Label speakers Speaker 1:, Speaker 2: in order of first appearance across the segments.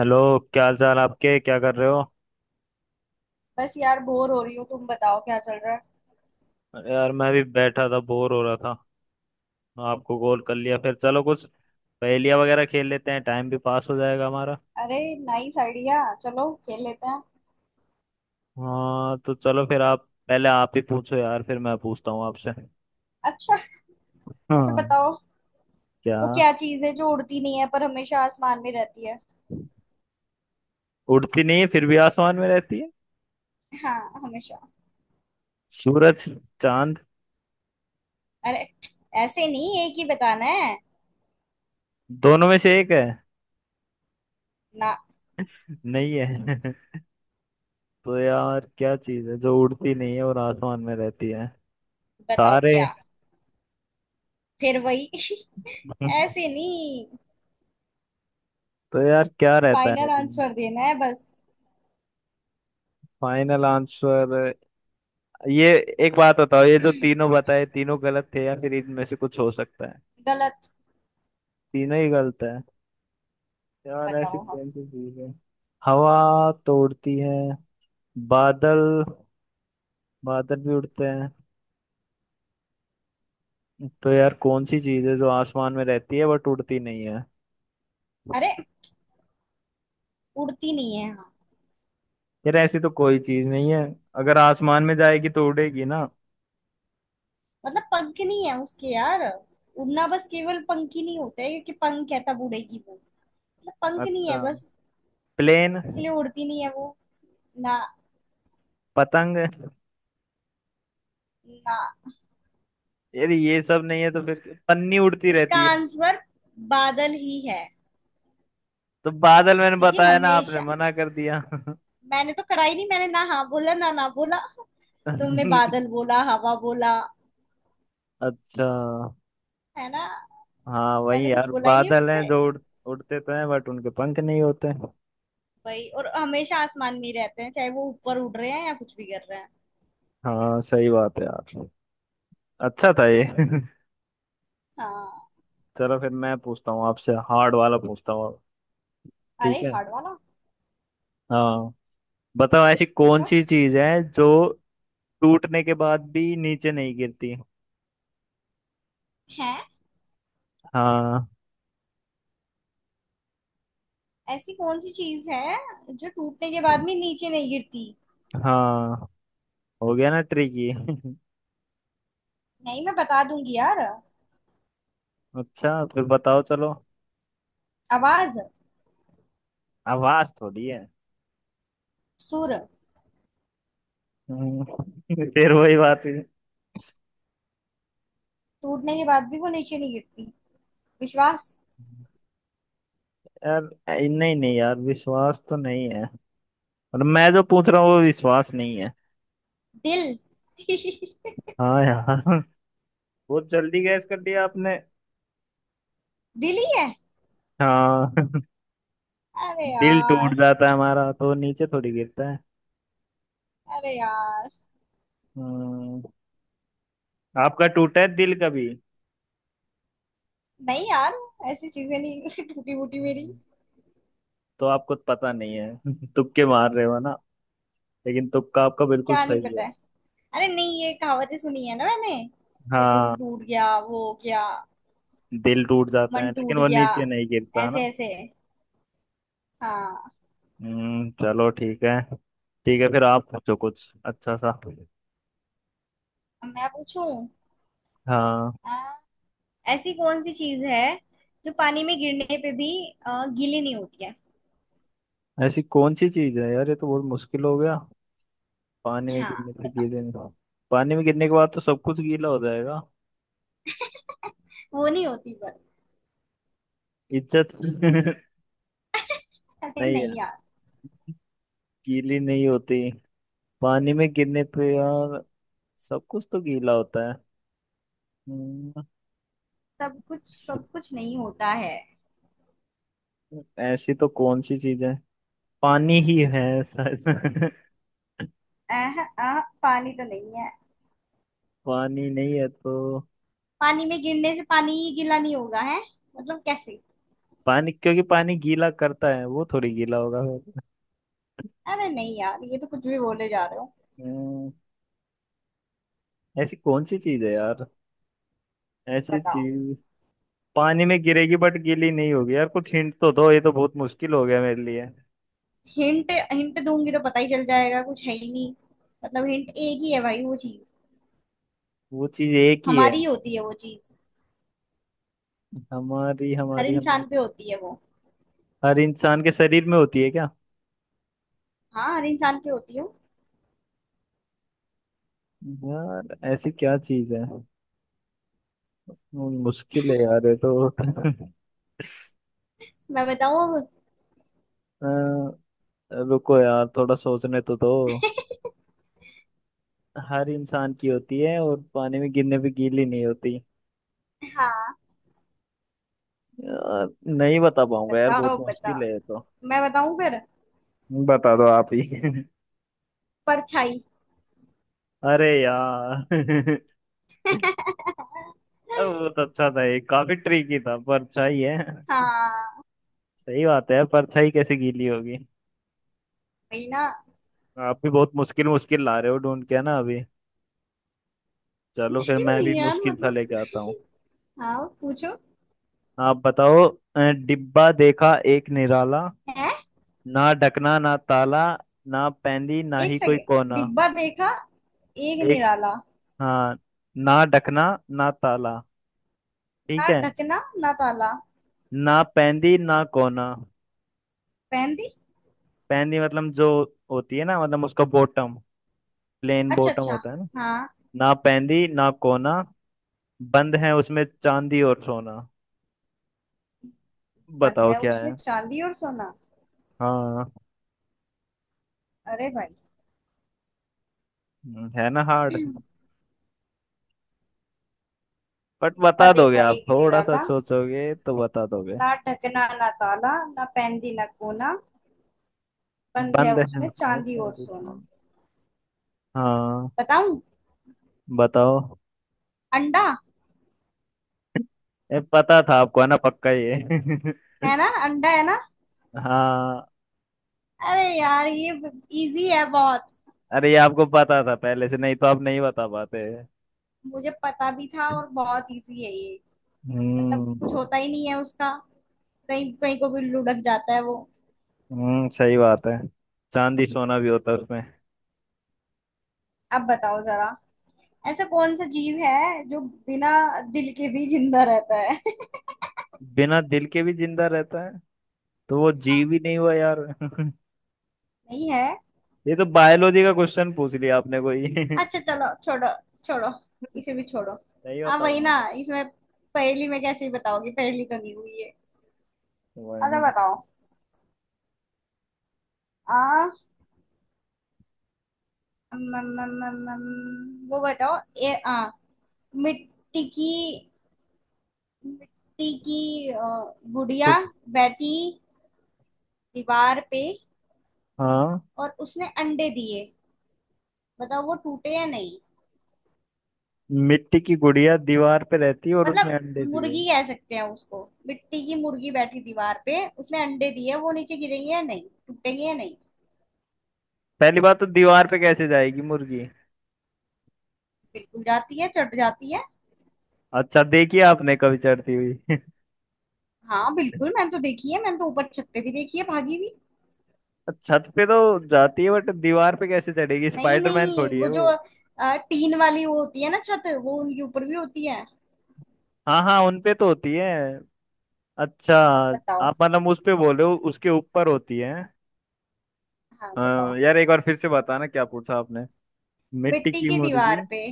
Speaker 1: Hello. क्या हाल चाल आपके, क्या कर रहे हो?
Speaker 2: बस यार बोर हो रही हूँ। तुम बताओ, क्या चल रहा है?
Speaker 1: अरे यार, मैं भी बैठा था, बोर हो रहा था। आपको कॉल कर लिया। फिर चलो कुछ पहेलियाँ वगैरह खेल लेते हैं, टाइम भी पास हो जाएगा हमारा।
Speaker 2: अरे, नाइस आइडिया, चलो खेल लेते हैं।
Speaker 1: हाँ तो चलो फिर, आप पहले आप ही पूछो यार, फिर मैं पूछता हूँ आपसे।
Speaker 2: अच्छा। अच्छा
Speaker 1: हाँ।
Speaker 2: बताओ।
Speaker 1: क्या?
Speaker 2: वो क्या चीज है जो उड़ती नहीं है पर हमेशा आसमान में रहती है?
Speaker 1: उड़ती नहीं है फिर भी आसमान में रहती है?
Speaker 2: हाँ, हमेशा।
Speaker 1: सूरज। चांद।
Speaker 2: अरे, ऐसे नहीं, एक ही बताना है।
Speaker 1: दोनों में से एक है।
Speaker 2: ना।
Speaker 1: नहीं है। तो यार, क्या चीज है जो उड़ती नहीं है और आसमान में रहती है?
Speaker 2: बताओ
Speaker 1: तारे।
Speaker 2: क्या। फिर वही। ऐसे नहीं।
Speaker 1: तो यार क्या रहता है?
Speaker 2: फाइनल आंसर देना है बस।
Speaker 1: Final answer. ये, एक बात बताओ, ये जो तीनों बताए तीनों गलत थे या फिर इनमें से कुछ हो सकता है?
Speaker 2: गलत।
Speaker 1: तीनों ही गलत है। यार ऐसी
Speaker 2: बताओ हम।
Speaker 1: कौन सी चीज है? हवा तो उड़ती है। बादल। बादल भी उड़ते हैं। तो यार कौन सी चीज है जो आसमान में रहती है बट उड़ती नहीं है?
Speaker 2: अरे, उड़ती नहीं है, हाँ।
Speaker 1: यार ऐसी तो कोई चीज नहीं है, अगर आसमान में जाएगी तो उड़ेगी ना।
Speaker 2: मतलब पंख नहीं है उसके, यार। उड़ना बस केवल पंख ही नहीं होते, क्योंकि पंख है तब उड़ेगी वो। पंख नहीं
Speaker 1: अच्छा।
Speaker 2: है बस।
Speaker 1: प्लेन।
Speaker 2: इसलिए उड़ती नहीं है वो। ना।
Speaker 1: पतंग।
Speaker 2: ना।
Speaker 1: यार ये सब नहीं है तो फिर, पन्नी उड़ती
Speaker 2: इसका
Speaker 1: रहती है।
Speaker 2: आंसर बादल ही है।
Speaker 1: तो बादल मैंने
Speaker 2: क्योंकि
Speaker 1: बताया ना, आपने
Speaker 2: हमेशा।
Speaker 1: मना कर दिया।
Speaker 2: मैंने तो कराई नहीं, मैंने ना हाँ बोला, ना ना बोला। तुमने बादल बोला, हवा बोला।
Speaker 1: अच्छा।
Speaker 2: है ना।
Speaker 1: हाँ वही
Speaker 2: मैंने कुछ
Speaker 1: यार,
Speaker 2: बोला ही नहीं
Speaker 1: बादल हैं
Speaker 2: उससे।
Speaker 1: जो उड़ते तो हैं बट उनके पंख नहीं होते।
Speaker 2: वही, और हमेशा आसमान में ही रहते हैं, चाहे वो ऊपर उड़ रहे हैं या कुछ भी कर रहे हैं।
Speaker 1: हाँ सही बात है यार। अच्छा था ये।
Speaker 2: हाँ।
Speaker 1: चलो फिर मैं पूछता हूँ आपसे, हार्ड वाला पूछता हूँ अब।
Speaker 2: अरे,
Speaker 1: ठीक है?
Speaker 2: हार्ड वाला।
Speaker 1: हाँ। बताओ, ऐसी कौन
Speaker 2: पूछो।
Speaker 1: सी चीज है जो टूटने के बाद भी नीचे नहीं गिरती?
Speaker 2: है।
Speaker 1: हाँ।
Speaker 2: ऐसी कौन सी चीज है जो टूटने के बाद भी नीचे नहीं गिरती?
Speaker 1: हाँ। हो गया ना ट्रिकी?
Speaker 2: नहीं, मैं बता दूंगी यार।
Speaker 1: अच्छा फिर बताओ चलो।
Speaker 2: आवाज।
Speaker 1: आवाज थोड़ी है।
Speaker 2: सुर।
Speaker 1: हम्म। फिर वही बात है।
Speaker 2: टूटने के बाद भी वो नीचे नहीं गिरती। विश्वास।
Speaker 1: यार नहीं नहीं यार, विश्वास तो नहीं है। और मैं जो पूछ रहा हूँ वो विश्वास नहीं है।
Speaker 2: दिल।
Speaker 1: हाँ यार। बहुत जल्दी गैस कर दिया आपने।
Speaker 2: दिल ही है।
Speaker 1: हाँ।
Speaker 2: अरे
Speaker 1: दिल टूट
Speaker 2: यार।
Speaker 1: जाता है हमारा तो नीचे थोड़ी गिरता है।
Speaker 2: अरे यार।
Speaker 1: हम्म, आपका टूटा है दिल कभी?
Speaker 2: नहीं यार, ऐसी चीजें नहीं। टूटी फूटी मेरी।
Speaker 1: हम्म। तो आपको तो पता नहीं है, तुक्के मार रहे हो ना, लेकिन तुक्का आपका बिल्कुल
Speaker 2: क्या नहीं
Speaker 1: सही है।
Speaker 2: पता है। अरे नहीं, ये कहावतें सुनी है ना मैंने। कि दिल
Speaker 1: हाँ,
Speaker 2: टूट गया, वो हो गया।
Speaker 1: दिल टूट जाता है
Speaker 2: मन
Speaker 1: लेकिन
Speaker 2: टूट
Speaker 1: वो
Speaker 2: गया।
Speaker 1: नीचे नहीं गिरता।
Speaker 2: ऐसे ऐसे। हाँ।
Speaker 1: चलो ठीक है। ठीक है फिर आप पूछो कुछ अच्छा सा।
Speaker 2: अब मैं पूछूं।
Speaker 1: हाँ।
Speaker 2: हाँ, ऐसी कौन सी चीज है जो पानी में गिरने पे भी गीली नहीं होती है?
Speaker 1: ऐसी कौन सी चीज है यार, ये तो बहुत मुश्किल हो गया। पानी में
Speaker 2: हाँ
Speaker 1: गिरने से
Speaker 2: बताओ।
Speaker 1: गीले नहीं? पानी में गिरने के बाद तो सब कुछ गीला हो जाएगा।
Speaker 2: वो नहीं होती पर।
Speaker 1: इज्जत।
Speaker 2: अरे
Speaker 1: नहीं
Speaker 2: नहीं
Speaker 1: यार।
Speaker 2: यार।
Speaker 1: गीली नहीं होती? पानी में गिरने पे यार, सब कुछ तो गीला होता है। हम्म,
Speaker 2: सब कुछ, सब कुछ नहीं होता है।
Speaker 1: ऐसी तो कौन सी चीज है? पानी ही है शायद।
Speaker 2: अह, अह, पानी तो नहीं है।
Speaker 1: पानी नहीं है तो?
Speaker 2: पानी में गिरने से पानी गीला नहीं होगा, है? मतलब, कैसे?
Speaker 1: पानी, क्योंकि पानी गीला करता है वो थोड़ी गीला होगा।
Speaker 2: अरे नहीं यार, ये तो कुछ भी बोले जा रहे हो।
Speaker 1: फिर। ऐसी कौन सी चीज है यार, ऐसी
Speaker 2: बताओ।
Speaker 1: चीज पानी में गिरेगी बट गीली नहीं होगी? यार कुछ हिंट तो दो, ये तो बहुत मुश्किल हो गया मेरे लिए।
Speaker 2: हिंट, हिंट दूंगी तो पता ही चल जाएगा, कुछ है ही नहीं। मतलब हिंट एक ही है भाई, वो चीज।
Speaker 1: वो चीज एक ही है।
Speaker 2: हमारी ही होती है वो चीज।
Speaker 1: हमारी
Speaker 2: हर
Speaker 1: हमारी हमारी।
Speaker 2: इंसान पे होती है वो।
Speaker 1: हर इंसान के शरीर में होती है क्या?
Speaker 2: हाँ, हर इंसान पे होती है वो।
Speaker 1: यार ऐसी क्या चीज है? वो मुश्किल है यार ये तो।
Speaker 2: मैं बताऊँ अब?
Speaker 1: अ, रुको यार थोड़ा सोचने तो दो। हर इंसान की होती है और पानी में गिरने पे गीली नहीं होती?
Speaker 2: हाँ,
Speaker 1: यार नहीं बता पाऊंगा यार, बहुत
Speaker 2: बताओ
Speaker 1: मुश्किल
Speaker 2: बताओ।
Speaker 1: है ये तो।
Speaker 2: मैं बताऊं फिर।
Speaker 1: बता दो आप ही।
Speaker 2: परछाई।
Speaker 1: अरे यार। अरे वो तो अच्छा था, ये काफी ट्रिकी था। परछाई है?
Speaker 2: हाँ
Speaker 1: सही बात है, परछाई कैसे गीली होगी।
Speaker 2: वही ना।
Speaker 1: आप भी बहुत मुश्किल मुश्किल ला रहे हो ढूंढ के ना अभी। चलो फिर
Speaker 2: मुश्किल
Speaker 1: मैं
Speaker 2: नहीं
Speaker 1: भी
Speaker 2: है यार,
Speaker 1: मुश्किल सा लेके
Speaker 2: मतलब।
Speaker 1: आता हूँ।
Speaker 2: हाँ, पूछो।
Speaker 1: आप बताओ। अ, डिब्बा देखा एक निराला,
Speaker 2: है।
Speaker 1: ना ढकना ना ताला, ना पैंदी ना
Speaker 2: एक
Speaker 1: ही कोई
Speaker 2: सेकेंड।
Speaker 1: कोना।
Speaker 2: डिब्बा देखा एक
Speaker 1: एक।
Speaker 2: निराला।
Speaker 1: हाँ। ना ढकना ना ताला। ठीक
Speaker 2: ना
Speaker 1: है।
Speaker 2: ढकना ना ताला।
Speaker 1: ना पैंदी ना कोना।
Speaker 2: पहन दी।
Speaker 1: पैंदी मतलब जो होती है ना, मतलब उसका बॉटम, प्लेन
Speaker 2: अच्छा
Speaker 1: बॉटम
Speaker 2: अच्छा।
Speaker 1: होता है ना।
Speaker 2: हाँ।
Speaker 1: ना पैंदी ना कोना, बंद है उसमें चांदी और सोना।
Speaker 2: बंद
Speaker 1: बताओ
Speaker 2: है
Speaker 1: क्या
Speaker 2: उसमें
Speaker 1: है।
Speaker 2: चांदी और सोना।
Speaker 1: हाँ।
Speaker 2: अरे भाई।
Speaker 1: है ना हार्ड? बट
Speaker 2: डिब्बा
Speaker 1: बता दोगे,
Speaker 2: देखा
Speaker 1: आप
Speaker 2: एक
Speaker 1: थोड़ा सा
Speaker 2: निराला,
Speaker 1: सोचोगे तो बता दोगे।
Speaker 2: ना ढकना ना ताला, ना पहन दी ना कोना, बंद है
Speaker 1: बंद है
Speaker 2: उसमें
Speaker 1: उसमें
Speaker 2: चांदी और
Speaker 1: पैंदी
Speaker 2: सोना।
Speaker 1: सोना। हाँ।
Speaker 2: बताऊं।
Speaker 1: बताओ।
Speaker 2: अंडा।
Speaker 1: पता था आपको है ना पक्का ये?
Speaker 2: है ना, अंडा है ना।
Speaker 1: हाँ।
Speaker 2: अरे यार, ये इजी है बहुत।
Speaker 1: अरे ये आपको पता था पहले से, नहीं तो आप नहीं बता पाते।
Speaker 2: मुझे पता भी था, और बहुत इजी है ये। मतलब कुछ
Speaker 1: हम्म।
Speaker 2: होता ही नहीं है उसका। कहीं कहीं को भी लुढ़क जाता है वो।
Speaker 1: सही बात है। चांदी सोना भी होता है उसमें।
Speaker 2: अब बताओ जरा। ऐसा कौन सा जीव है जो बिना दिल के भी जिंदा रहता है?
Speaker 1: बिना दिल के भी जिंदा रहता है? तो वो
Speaker 2: हाँ।
Speaker 1: जीव ही नहीं हुआ यार।
Speaker 2: नहीं है।
Speaker 1: ये तो बायोलॉजी का क्वेश्चन पूछ लिया आपने कोई।
Speaker 2: अच्छा, चलो छोड़ो। छोड़ो, इसे भी छोड़ो।
Speaker 1: नहीं
Speaker 2: हाँ
Speaker 1: होता
Speaker 2: वही ना,
Speaker 1: पाऊंगा।
Speaker 2: इसमें। पहेली में कैसे ही बताओगे, पहेली तो नहीं हुई है। अच्छा
Speaker 1: वही।
Speaker 2: बताओ। आ अम, अम, अम, अम, अम, वो बताओ। ए आ मिट्टी की मिट्टी की गुड़िया
Speaker 1: कुछ।
Speaker 2: बैठी दीवार पे,
Speaker 1: हाँ।
Speaker 2: और उसने अंडे दिए। बताओ वो टूटे या नहीं।
Speaker 1: मिट्टी की गुड़िया दीवार पे रहती है और
Speaker 2: मतलब
Speaker 1: उसने अंडे दिए?
Speaker 2: मुर्गी कह सकते हैं उसको, मिट्टी की मुर्गी बैठी दीवार पे, उसने अंडे दिए, वो नीचे गिरेगी या नहीं, टूटेगी या नहीं?
Speaker 1: पहली बात तो दीवार पे कैसे जाएगी मुर्गी?
Speaker 2: बिल्कुल जाती है, चढ़ जाती है।
Speaker 1: अच्छा, देखिए आपने कभी चढ़ती हुई?
Speaker 2: हाँ बिल्कुल, मैंने तो देखी है, मैंने तो ऊपर छत पे भी देखी है भागी हुई।
Speaker 1: छत पे तो जाती है बट दीवार पे कैसे चढ़ेगी,
Speaker 2: नहीं
Speaker 1: स्पाइडरमैन
Speaker 2: नहीं,
Speaker 1: थोड़ी है
Speaker 2: वो जो
Speaker 1: वो।
Speaker 2: टीन वाली वो होती है ना छत, वो उनके ऊपर भी होती है।
Speaker 1: हाँ हाँ उनपे तो होती है। अच्छा।
Speaker 2: बताओ।
Speaker 1: आप मतलब उस पे बोले हो, उसके ऊपर होती है?
Speaker 2: हाँ
Speaker 1: हाँ
Speaker 2: बताओ।
Speaker 1: यार, एक बार फिर से बताना क्या पूछा आपने। मिट्टी
Speaker 2: मिट्टी
Speaker 1: की
Speaker 2: की
Speaker 1: मुर्गी।
Speaker 2: दीवार पे।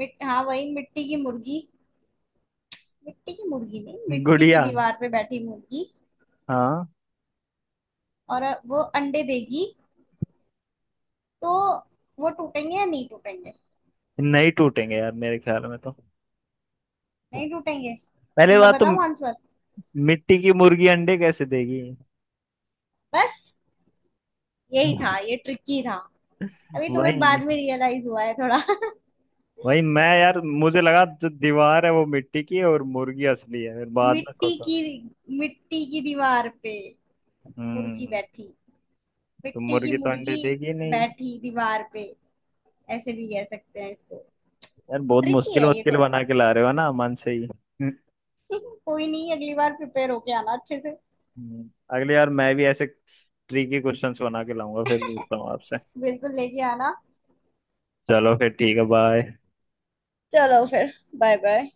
Speaker 2: हाँ वही, मिट्टी की मुर्गी। मिट्टी की मुर्गी नहीं, मिट्टी की
Speaker 1: गुड़िया।
Speaker 2: दीवार पे बैठी मुर्गी।
Speaker 1: हाँ।
Speaker 2: और वो अंडे देगी तो वो टूटेंगे या नहीं टूटेंगे?
Speaker 1: नहीं टूटेंगे यार मेरे ख्याल में तो।
Speaker 2: नहीं टूटेंगे।
Speaker 1: पहले
Speaker 2: अब मैं
Speaker 1: बात तो
Speaker 2: बताऊं आंसर।
Speaker 1: मिट्टी की मुर्गी अंडे कैसे देगी?
Speaker 2: बस यही था, ये ट्रिकी था। अभी तुम्हें बाद
Speaker 1: वही।
Speaker 2: में रियलाइज हुआ है थोड़ा।
Speaker 1: वही मैं यार, मुझे लगा जो दीवार है वो मिट्टी की है और मुर्गी असली है, फिर बाद में
Speaker 2: मिट्टी
Speaker 1: सोचा।
Speaker 2: की, मिट्टी की दीवार पे मुर्गी
Speaker 1: हम्म।
Speaker 2: बैठी।
Speaker 1: तो
Speaker 2: मिट्टी की
Speaker 1: मुर्गी तो अंडे
Speaker 2: मुर्गी
Speaker 1: देगी नहीं।
Speaker 2: बैठी दीवार पे, ऐसे भी कह सकते हैं इसको।
Speaker 1: यार बहुत
Speaker 2: ट्रिकी
Speaker 1: मुश्किल
Speaker 2: है ये
Speaker 1: मुश्किल
Speaker 2: थोड़ा।
Speaker 1: बना के ला रहे हो ना मन से ही।
Speaker 2: कोई नहीं, अगली बार प्रिपेयर होके आना अच्छे से।
Speaker 1: अगली बार मैं भी ऐसे ट्रिकी क्वेश्चंस बना के लाऊंगा, फिर पूछता हूँ आपसे।
Speaker 2: बिल्कुल लेके आना।
Speaker 1: चलो फिर ठीक है, बाय।
Speaker 2: चलो फिर। Bye bye.